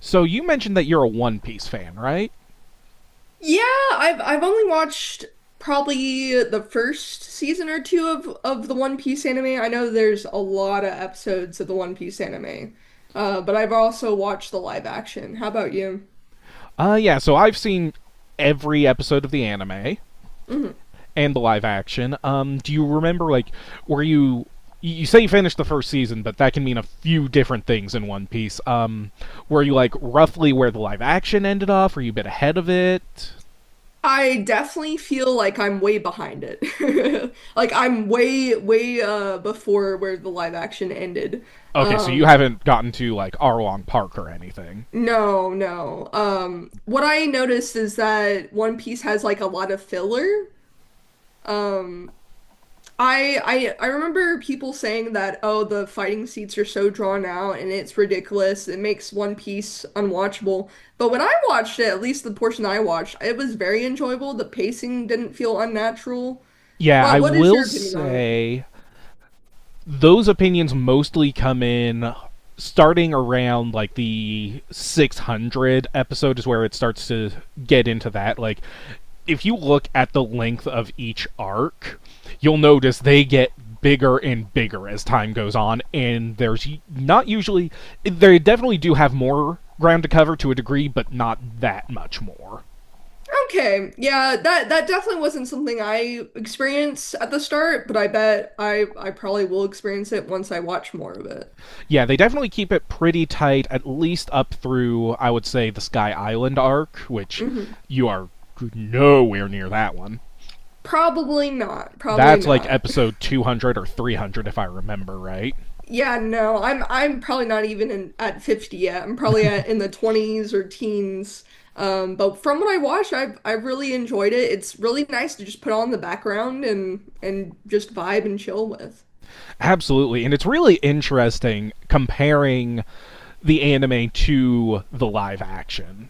So you mentioned that you're a One Piece fan, right? Yeah, I've only watched probably the first season or two of the One Piece anime. I know there's a lot of episodes of the One Piece anime, but I've also watched the live action. How about you? Yeah. So I've seen every episode of the anime Hmm. and the live action. Do you remember were you? You say you finished the first season, but that can mean a few different things in One Piece. Were you like roughly where the live action ended off? Were you a bit ahead of it? I definitely feel like I'm way behind it. Like I'm way before where the live action ended. Okay, so you Um haven't gotten to like Arlong Park or anything. no, no. What I noticed is that One Piece has like a lot of filler. Um I I remember people saying that, oh, the fighting scenes are so drawn out and it's ridiculous. It makes One Piece unwatchable. But when I watched it, at least the portion I watched, it was very enjoyable. The pacing didn't feel unnatural. Yeah, What I what is will your opinion on it? say those opinions mostly come in starting around like the 600 episode is where it starts to get into that like if you look at the length of each arc you'll notice they get bigger and bigger as time goes on, and there's not usually, they definitely do have more ground to cover to a degree but not that much more. Okay, yeah, that definitely wasn't something I experienced at the start, but I bet I probably will experience it once I watch more of it. Yeah, they definitely keep it pretty tight, at least up through, I would say, the Sky Island arc, which Hmm. you are nowhere near that one. Probably not. Probably That's like not. episode 200 or 300, if I remember right. Yeah, no, I'm probably not even in, at 50 yet. I'm probably at, in the 20s or teens. But from what I watched, I've really enjoyed it. It's really nice to just put on the background and just vibe and chill with. Absolutely. And it's really interesting comparing the anime to the live action.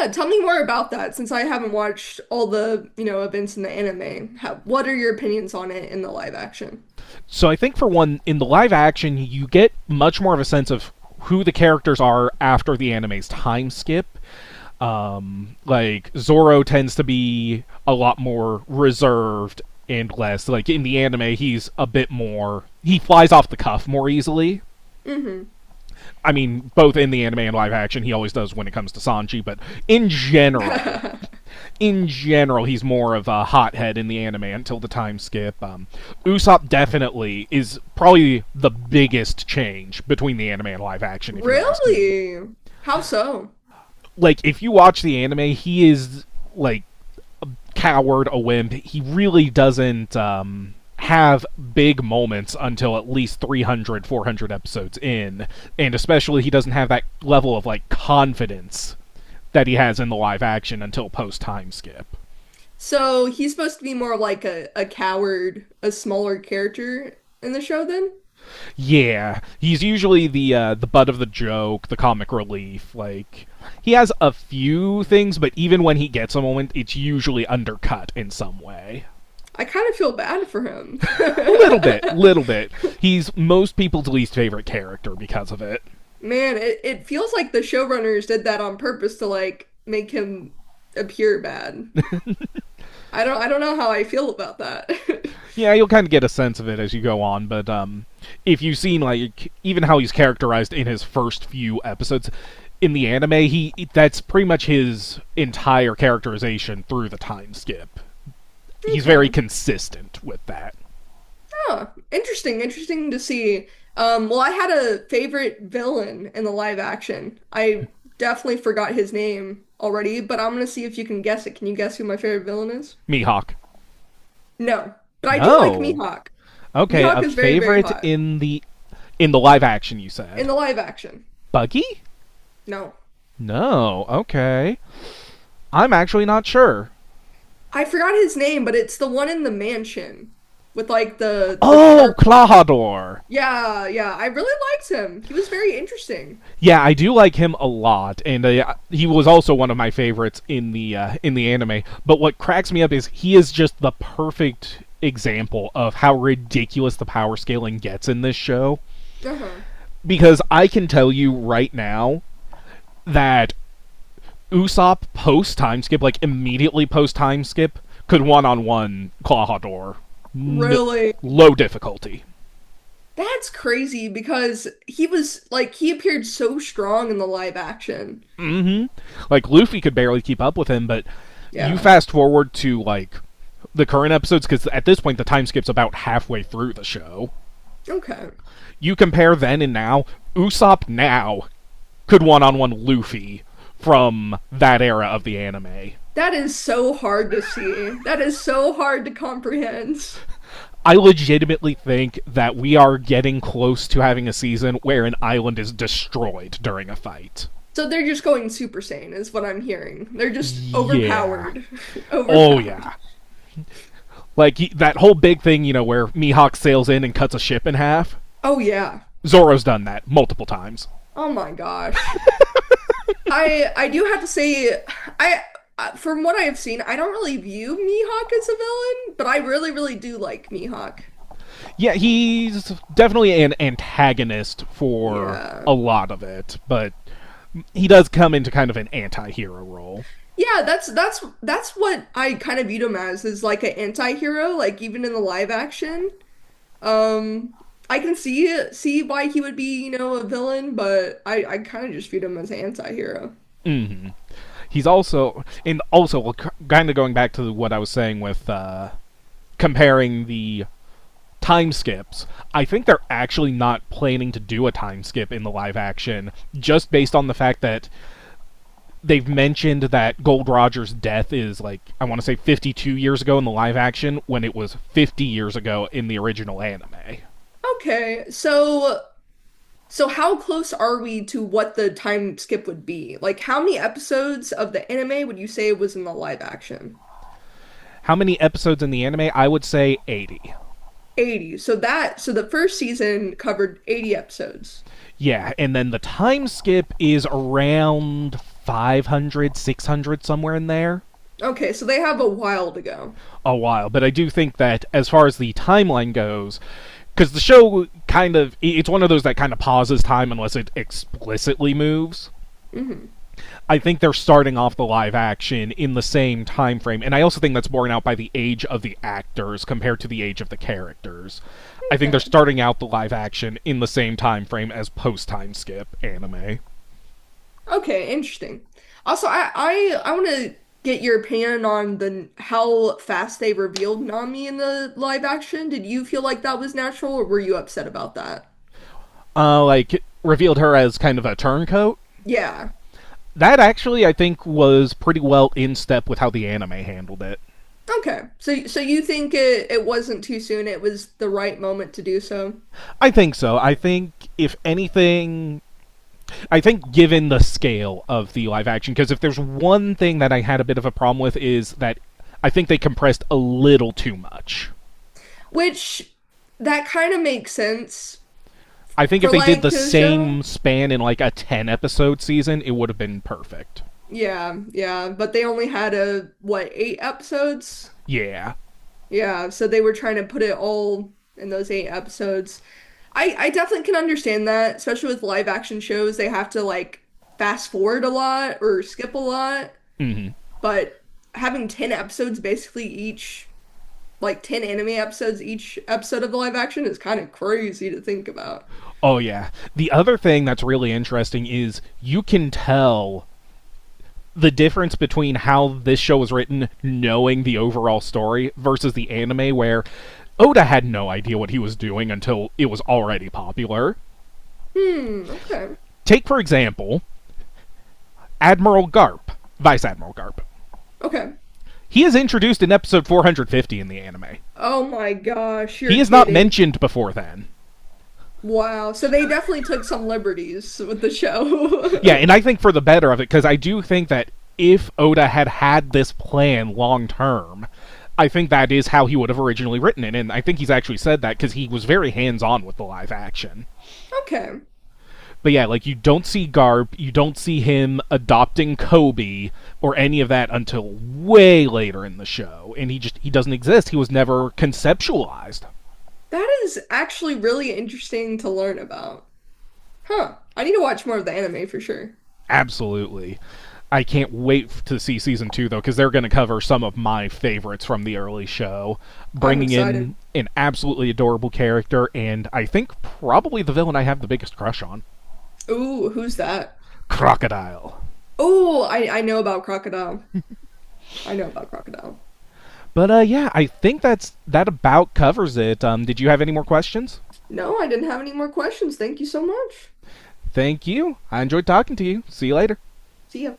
Yeah, tell me more about that since I haven't watched all the, you know, events in the anime. How, what are your opinions on it in the live action? So I think, for one, in the live action, you get much more of a sense of who the characters are after the anime's time skip. Like Zoro tends to be a lot more reserved and less like in the anime. He's a bit more. He flies off the cuff more easily. Hmm. I mean, both in the anime and live action, he always does when it comes to Sanji. But in general, he's more of a hothead in the anime until the time skip. Usopp definitely is probably the biggest change between the anime and live action, if you ask me. Really? How so? Like, if you watch the anime, he is like coward, a wimp. He really doesn't have big moments until at least 300, 400 episodes in. And especially, he doesn't have that level of, like, confidence that he has in the live action until post time skip. So he's supposed to be more like a coward, a smaller character in the show then? Yeah, he's usually the butt of the joke, the comic relief. Like he has a few things, but even when he gets a moment, it's usually undercut in some way. I kind of feel bad for him. Little bit, little bit. He's most people's least favorite character because of it. Man, it feels like the showrunners did that on purpose to like make him appear bad. I don't know how I feel about that. Yeah, you'll kind of get a sense of it as you go on, but if you've seen like even how he's characterized in his first few episodes in the anime, he that's pretty much his entire characterization through the time skip. He's very Okay. consistent with that. Huh. Interesting, interesting to see. Well, I had a favorite villain in the live action. I definitely forgot his name already, but I'm gonna see if you can guess it. Can you guess who my favorite villain is? Mihawk. No, but I do like No. Mihawk. Okay, Mihawk a is very, very favorite hot in the live action you in said. the live action. Buggy? No, No. Okay. I'm actually not sure. I forgot his name, but it's the one in the mansion with like the Oh, sharp. Clahador. Yeah, yeah. I really liked him. He was very interesting. Yeah, I do like him a lot, and he was also one of my favorites in the anime. But what cracks me up is he is just the perfect example of how ridiculous the power scaling gets in this show. Uh-huh. Because I can tell you right now that Usopp post time skip, like immediately post time skip, could one on one Claw Hador, no, Really? low difficulty. That's crazy because he was like he appeared so strong in the live action. Mm-hmm. Like Luffy could barely keep up with him, but you Yeah. fast forward to like the current episodes because at this point the time skip's about halfway through the show. Okay. You compare then and now. Usopp now could one-on-one Luffy from that era of the anime. That is so hard to see. That is so hard to comprehend. I legitimately think that we are getting close to having a season where an island is destroyed during a fight. So they're just going Super Saiyan is what I'm hearing. They're just Yeah. overpowered. Oh Overpowered. yeah. Like that whole big thing, you know, where Mihawk sails in and cuts a ship in half. Oh yeah. Zoro's done that multiple times. Oh my gosh. I do have to say I from what I have seen, I don't really view Mihawk as a villain, but I really really do like Mihawk. Yeah, he's definitely an antagonist for Yeah. a lot of it, but he does come into kind of an anti-hero role. Yeah, that's what I kind of viewed him as is like an anti-hero, like even in the live action. Um I can see why he would be, you know, a villain, but I kind of just viewed him as an anti-hero. He's also and also kind of going back to what I was saying with comparing the time skips. I think they're actually not planning to do a time skip in the live action just based on the fact that they've mentioned that Gold Roger's death is like I want to say 52 years ago in the live action when it was 50 years ago in the original anime. Okay, so how close are we to what the time skip would be? Like how many episodes of the anime would you say was in the live action? How many episodes in the anime? I would say 80. 80. So that so the first season covered 80 episodes. Yeah, and then the time skip is around 500, 600, somewhere in there. Okay, so they have a while to go. A while, but I do think that as far as the timeline goes, because the show kind of, it's one of those that kind of pauses time unless it explicitly moves, Hmm. I think they're starting off the live action in the same time frame, and I also think that's borne out by the age of the actors compared to the age of the characters. I think they're Okay. starting out the live action in the same time frame as post time skip anime. Okay, interesting. Also, I want to get your opinion on the how fast they revealed Nami in the live action. Did you feel like that was natural or were you upset about that? Like revealed her as kind of a turncoat. Yeah. That actually, I think, was pretty well in step with how the anime handled it. Okay. So you think it wasn't too soon, it was the right moment to do so. I think so. I think if anything, I think given the scale of the live action, because if there's one thing that I had a bit of a problem with is that I think they compressed a little too much. Which that kind of makes sense I think if for they did the like a show. same span in like a 10 episode season, it would have been perfect. Yeah, yeah, but they only had a what, eight episodes? Yeah. Yeah, so they were trying to put it all in those eight episodes. I definitely can understand that, especially with live action shows, they have to like fast forward a lot or skip a lot, but having 10 episodes basically each like 10 anime episodes each episode of live action is kind of crazy to think about. Oh, yeah. The other thing that's really interesting is you can tell the difference between how this show was written, knowing the overall story, versus the anime, where Oda had no idea what he was doing until it was already popular. Hmm, okay. Take, for example, Admiral Garp, Vice Admiral Garp. Okay. He is introduced in episode 450 in the anime. Oh my gosh, He you're is not kidding. mentioned before then. Wow. So they definitely took some liberties with the Yeah, show. and I think for the better of it, because I do think that if Oda had had this plan long term, I think that is how he would have originally written it, and I think he's actually said that because he was very hands on with the live action. Okay. But yeah, like you don't see Garp, you don't see him adopting Kobe or any of that until way later in the show, and he just he doesn't exist. He was never conceptualized. That is actually really interesting to learn about. Huh. I need to watch more of the anime for sure. Absolutely. I can't wait to see season 2 though, because they're going to cover some of my favorites from the early show, I'm bringing in excited. an absolutely adorable character, and I think probably the villain I have the biggest crush on, Ooh, who's that? Crocodile. Oh, I know about Crocodile. I know about Crocodile. But yeah, I think that's that about covers it. Did you have any more questions? No, I didn't have any more questions. Thank you so much. Thank you. I enjoyed talking to you. See you later. See ya.